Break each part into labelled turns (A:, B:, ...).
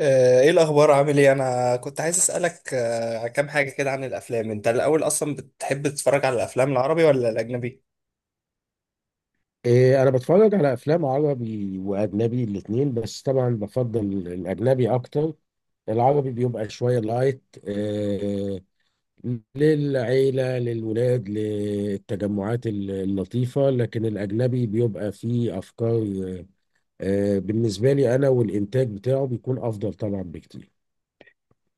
A: ايه الاخبار، عامل ايه؟ انا كنت عايز اسالك كام حاجه كده عن الافلام. انت الاول اصلا بتحب تتفرج على الافلام العربي ولا الاجنبي؟
B: انا بتفرج على افلام عربي واجنبي الاثنين، بس طبعا بفضل الاجنبي اكتر. العربي بيبقى شويه لايت، للعيله، للولاد، للتجمعات اللطيفه، لكن الاجنبي بيبقى فيه افكار، بالنسبه لي انا، والانتاج بتاعه بيكون افضل طبعا بكتير.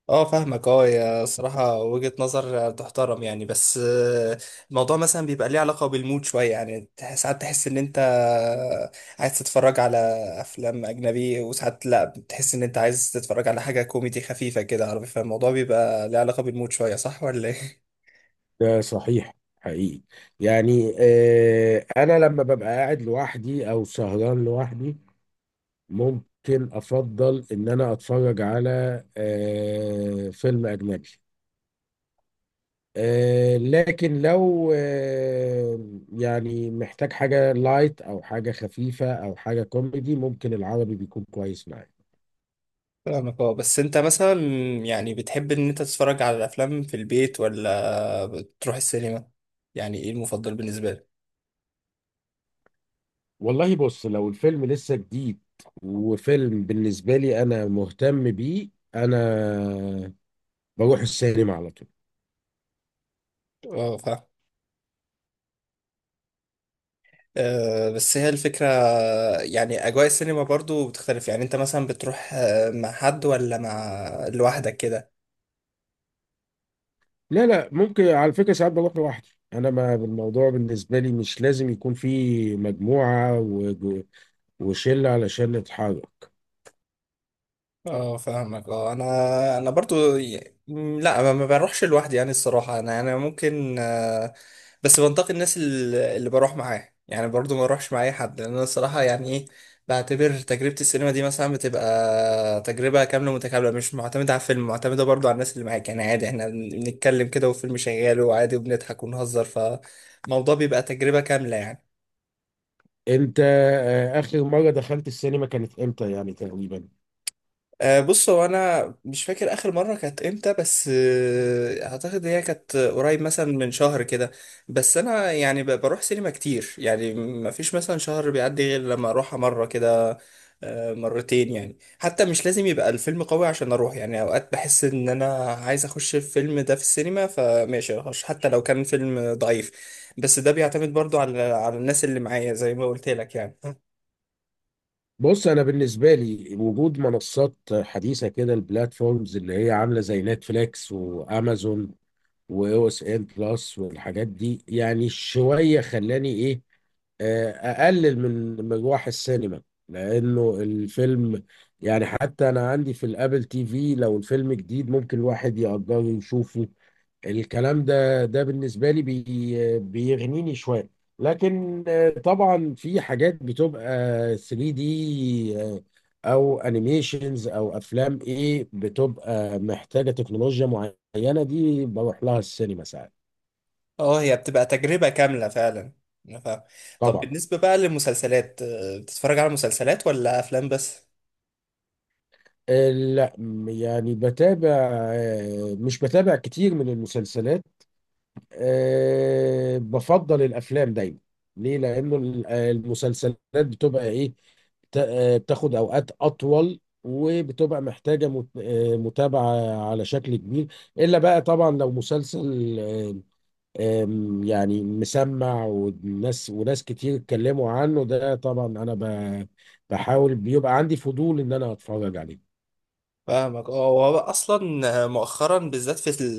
A: اه، فاهمك. اه، يا صراحه وجهه نظر تحترم يعني. بس الموضوع مثلا بيبقى ليه علاقه بالمود شويه يعني. ساعات تحس ان انت عايز تتفرج على افلام اجنبي، وساعات لا، بتحس ان انت عايز تتفرج على حاجه كوميدي خفيفه كده عربي. فالموضوع بيبقى ليه علاقه بالمود شويه، صح ولا ايه؟
B: ده صحيح حقيقي. يعني انا لما ببقى قاعد لوحدي او سهران لوحدي ممكن افضل ان انا اتفرج على فيلم اجنبي، لكن لو يعني محتاج حاجة لايت او حاجة خفيفة او حاجة كوميدي، ممكن العربي بيكون كويس معايا.
A: فاهمك. اه، بس انت مثلا يعني بتحب ان انت تتفرج على الافلام في البيت ولا بتروح السينما؟ يعني ايه المفضل بالنسبه لك؟
B: والله بص، لو الفيلم لسه جديد وفيلم بالنسبة لي انا مهتم بيه، انا بروح السينما على طول.
A: اه، فاهم. بس هي الفكره. يعني اجواء السينما برضو بتختلف. يعني انت مثلا بتروح مع حد ولا مع لوحدك كده؟
B: لا لا، ممكن على فكرة ساعات بروح لوحدي انا، ما الموضوع بالنسبه لي مش لازم يكون في مجموعه وشلة على شلة حرك.
A: اه، فاهمك. اه، انا برضو لا، ما بروحش لوحدي. يعني الصراحه انا ممكن بس بنتقي الناس اللي بروح معاه. يعني برضو ما اروحش مع اي حد. لان انا الصراحه يعني ايه، بعتبر تجربه السينما دي مثلا بتبقى تجربه كامله متكامله، مش معتمده على الفيلم، معتمده برضو على الناس اللي معاك. يعني عادي احنا بنتكلم كده والفيلم شغال، وعادي وبنضحك ونهزر. فالموضوع بيبقى تجربه كامله يعني.
B: انت اخر مرة دخلت السينما كانت امتى يعني تقريبا؟
A: بص، هو انا مش فاكر اخر مره كانت امتى. بس اعتقد هي كانت قريب مثلا من شهر كده. بس انا يعني بروح سينما كتير. يعني ما فيش مثلا شهر بيعدي غير لما اروحها مره كده، مرتين. يعني حتى مش لازم يبقى الفيلم قوي عشان اروح. يعني اوقات بحس ان انا عايز اخش الفيلم ده في السينما، فماشي اخش حتى لو كان فيلم ضعيف. بس ده بيعتمد برضو على الناس اللي معايا زي ما قلت لك يعني.
B: بص، انا بالنسبة لي وجود منصات حديثة كده، البلاتفورمز اللي هي عاملة زي نتفليكس وامازون واو اس ان بلس والحاجات دي، يعني شوية خلاني ايه، اقلل من مروح السينما، لانه الفيلم يعني حتى انا عندي في الابل تي في، لو الفيلم جديد ممكن الواحد يقدر يشوفه. الكلام ده بالنسبة لي بيغنيني شوية. لكن طبعا في حاجات بتبقى 3 دي، او انيميشنز او افلام ايه، بتبقى محتاجة تكنولوجيا معينة، دي بروح لها السينما ساعات.
A: اه، هي بتبقى تجربة كاملة فعلا. أنا فاهم. طب
B: طبعا.
A: بالنسبة بقى للمسلسلات، بتتفرج على مسلسلات ولا أفلام بس؟
B: لا يعني بتابع، مش بتابع كتير من المسلسلات. أه، بفضل الافلام دايما. ليه؟ لانه المسلسلات بتبقى ايه، بتاخد اوقات اطول وبتبقى محتاجه متابعه على شكل كبير. الا بقى طبعا لو مسلسل آه، آم، يعني مسمع والناس وناس كتير اتكلموا عنه، ده طبعا انا بحاول بيبقى عندي فضول ان انا اتفرج عليه.
A: فاهمك. اه، هو اصلا مؤخرا بالذات في ال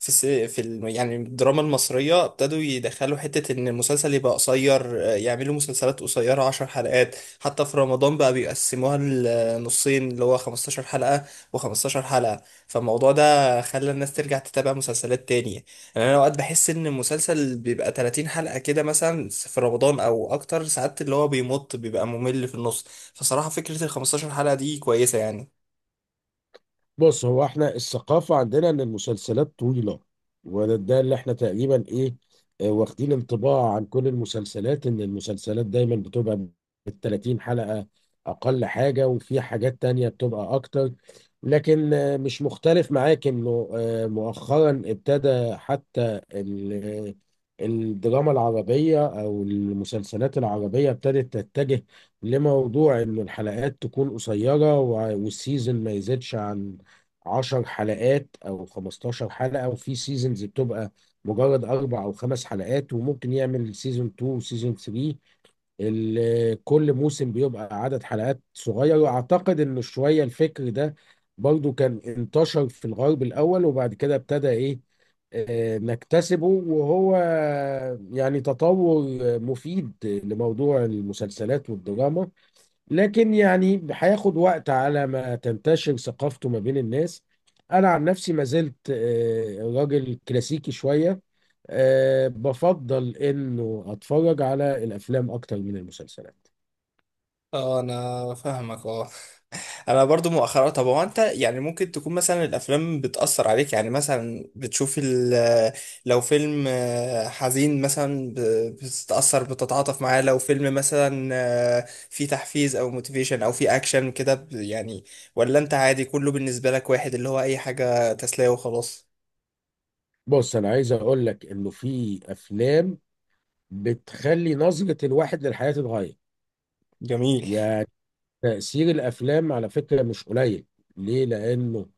A: في الس- في ال يعني الدراما المصريه ابتدوا يدخلوا حته ان المسلسل يبقى قصير، يعملوا مسلسلات قصيره 10 حلقات. حتى في رمضان بقى بيقسموها لنصين، اللي هو 15 حلقه و15 حلقه. فالموضوع ده خلى الناس ترجع تتابع مسلسلات تانية. يعني انا اوقات بحس ان المسلسل بيبقى 30 حلقه كده مثلا في رمضان او اكتر. ساعات اللي هو بيمط بيبقى ممل في النص. فصراحه فكره ال 15 حلقه دي كويسه يعني.
B: بص، هو احنا الثقافة عندنا ان المسلسلات طويلة، وده اللي احنا تقريبا ايه، واخدين انطباع عن كل المسلسلات ان المسلسلات دايما بتبقى بال 30 حلقة اقل حاجة، وفي حاجات تانية بتبقى اكتر. لكن مش مختلف معاك انه مؤخرا ابتدى حتى آه، الدراما العربية او المسلسلات العربية ابتدت تتجه لموضوع ان الحلقات تكون قصيرة، والسيزون ما يزيدش عن 10 حلقات او 15 حلقة، وفي سيزونز بتبقى مجرد اربع او خمس حلقات، وممكن يعمل سيزون 2 وسيزون 3. كل موسم بيبقى عدد حلقات صغير. واعتقد ان شوية الفكر ده برضو كان انتشر في الغرب الاول، وبعد كده ابتدى ايه، نكتسبه، وهو يعني تطور مفيد لموضوع المسلسلات والدراما، لكن يعني هياخد وقت على ما تنتشر ثقافته ما بين الناس. انا عن نفسي ما زلت راجل كلاسيكي شوية، بفضل انه اتفرج على الافلام اكتر من المسلسلات.
A: اه، انا فاهمك. اه، انا برضو مؤخرا. طب هو انت يعني ممكن تكون مثلا الافلام بتأثر عليك؟ يعني مثلا بتشوف لو فيلم حزين مثلا بتتأثر، بتتعاطف معاه. لو فيلم مثلا فيه تحفيز او موتيفيشن، او فيه اكشن كده يعني. ولا انت عادي، كله بالنسبة لك واحد، اللي هو اي حاجة تسلية وخلاص؟
B: بص، انا عايز اقول لك انه في افلام بتخلي نظرة الواحد للحياة تتغير.
A: جميل.
B: يعني تأثير الافلام على فكرة مش قليل. ليه؟ لانه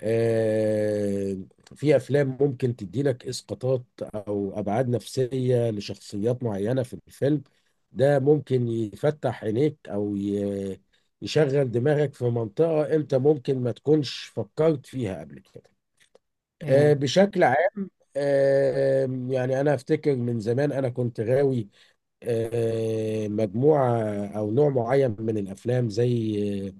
B: آه، في افلام ممكن تدي لك اسقاطات او ابعاد نفسيه لشخصيات معينه في الفيلم، ده ممكن يفتح عينيك او يشغل دماغك في منطقه انت ممكن ما تكونش فكرت فيها قبل كده.
A: امم
B: بشكل عام، يعني انا افتكر من زمان انا كنت غاوي مجموعه او نوع معين من الافلام، زي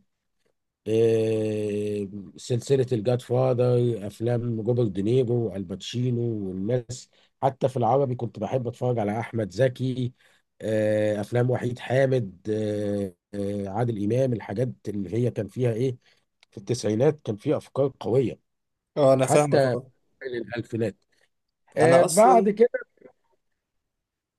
B: آه، سلسلة الجاد فاذر، أفلام روبرت دينيرو والباتشينو والناس. حتى في العربي كنت بحب أتفرج على أحمد زكي، أفلام وحيد حامد، عادل إمام، الحاجات اللي هي كان فيها إيه، في التسعينات كان فيها أفكار قوية.
A: اه، انا فاهمك.
B: وحتى
A: اه،
B: الألفينات
A: انا
B: بعد
A: اصلا
B: كده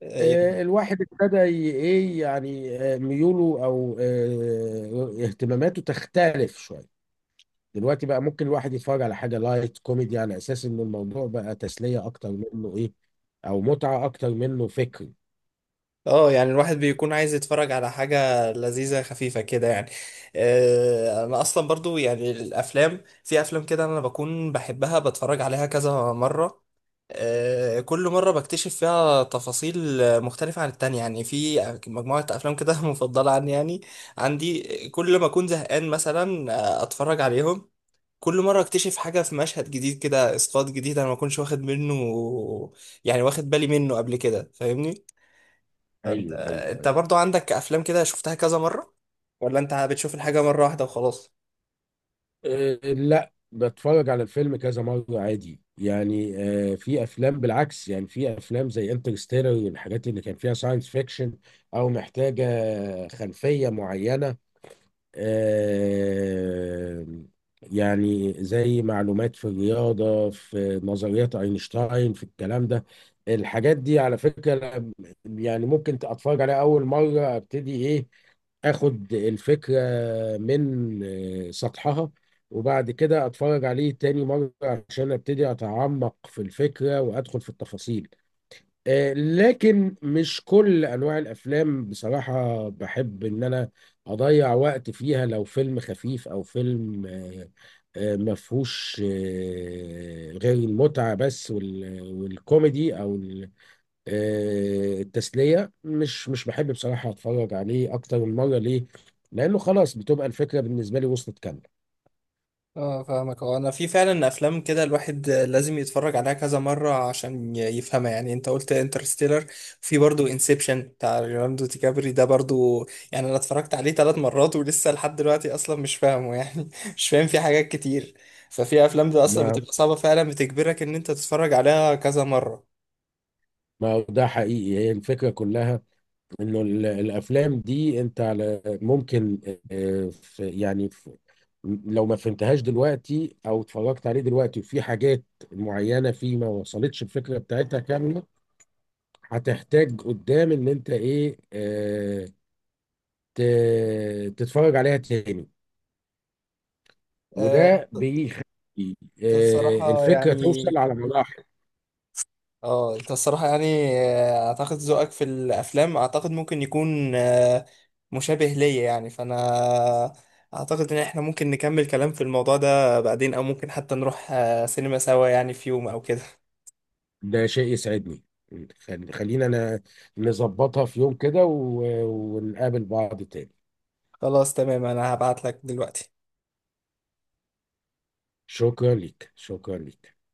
A: يعني.
B: الواحد ابتدى ي- إيه يعني آه، ميوله أو اهتماماته تختلف شوية. دلوقتي بقى ممكن الواحد يتفرج على حاجه لايت كوميدي، على اساس ان الموضوع بقى تسليه اكتر منه ايه، او متعه اكتر منه فكر.
A: اه، يعني الواحد بيكون عايز يتفرج على حاجة لذيذة خفيفة كده يعني. انا اصلا برضو يعني الافلام، في افلام كده انا بكون بحبها، بتفرج عليها كذا مرة. كل مرة بكتشف فيها تفاصيل مختلفة عن التانية. يعني في مجموعة أفلام كده مفضلة عني يعني، عندي. كل ما أكون زهقان مثلا أتفرج عليهم. كل مرة أكتشف حاجة في مشهد جديد، كده إسقاط جديد أنا ما كنتش واخد منه، يعني واخد بالي منه قبل كده. فاهمني؟ فانت،
B: ايوه، ايوه،
A: انت
B: ايوه.
A: برضو عندك افلام كده شفتها كذا مره ولا انت بتشوف الحاجه مره واحده وخلاص؟
B: أه لا، بتفرج على الفيلم كذا مره عادي يعني. أه في افلام بالعكس، يعني في افلام زي انترستيلر والحاجات اللي كان فيها ساينس فيكشن او محتاجه خلفيه معينه، آه، يعني زي معلومات في الرياضة في نظريات أينشتاين في الكلام ده. الحاجات دي على فكرة يعني ممكن أتفرج عليها أول مرة أبتدي إيه، اخد الفكرة من سطحها، وبعد كده اتفرج عليه تاني مرة عشان ابتدي اتعمق في الفكرة وادخل في التفاصيل. لكن مش كل انواع الافلام بصراحه بحب ان انا اضيع وقت فيها. لو فيلم خفيف او فيلم ما فيهوش غير المتعه بس والكوميدي او التسليه، مش بحب بصراحه اتفرج عليه اكتر من مره. ليه؟ لانه خلاص بتبقى الفكره بالنسبه لي وصلت كامله.
A: اه، فاهمك. هو انا في فعلا افلام كده الواحد لازم يتفرج عليها كذا مره عشان يفهمها. يعني انت قلت انترستيلر، في برضو انسبشن بتاع ليوناردو دي كابري، ده برضو يعني انا اتفرجت عليه 3 مرات ولسه لحد دلوقتي اصلا مش فاهمه، يعني مش فاهم فيه حاجات كتير. ففي افلام ده اصلا
B: ما
A: بتبقى صعبه فعلا، بتجبرك ان انت تتفرج عليها كذا مره.
B: ما هو ده حقيقي، هي الفكره كلها انه الافلام دي انت على ممكن آه، في يعني في لو ما فهمتهاش دلوقتي او اتفرجت عليه دلوقتي وفي حاجات معينه فيه ما وصلتش الفكره بتاعتها كامله، هتحتاج قدام ان انت ايه، تتفرج عليها تاني.
A: أه،
B: وده بيخلي
A: الصراحه
B: الفكره
A: يعني.
B: توصل على مراحل.
A: اه، انت الصراحة يعني اعتقد ذوقك في الافلام، اعتقد ممكن يكون مشابه ليا. يعني فانا اعتقد ان احنا ممكن نكمل كلام في الموضوع ده بعدين، او ممكن حتى نروح سينما سوا يعني في يوم او كده.
B: ده شيء يسعدني. خلينا انا نظبطها في يوم كده ونقابل بعض تاني.
A: خلاص، تمام. انا هبعت لك دلوقتي.
B: شكرا ليك، شكرا ليك.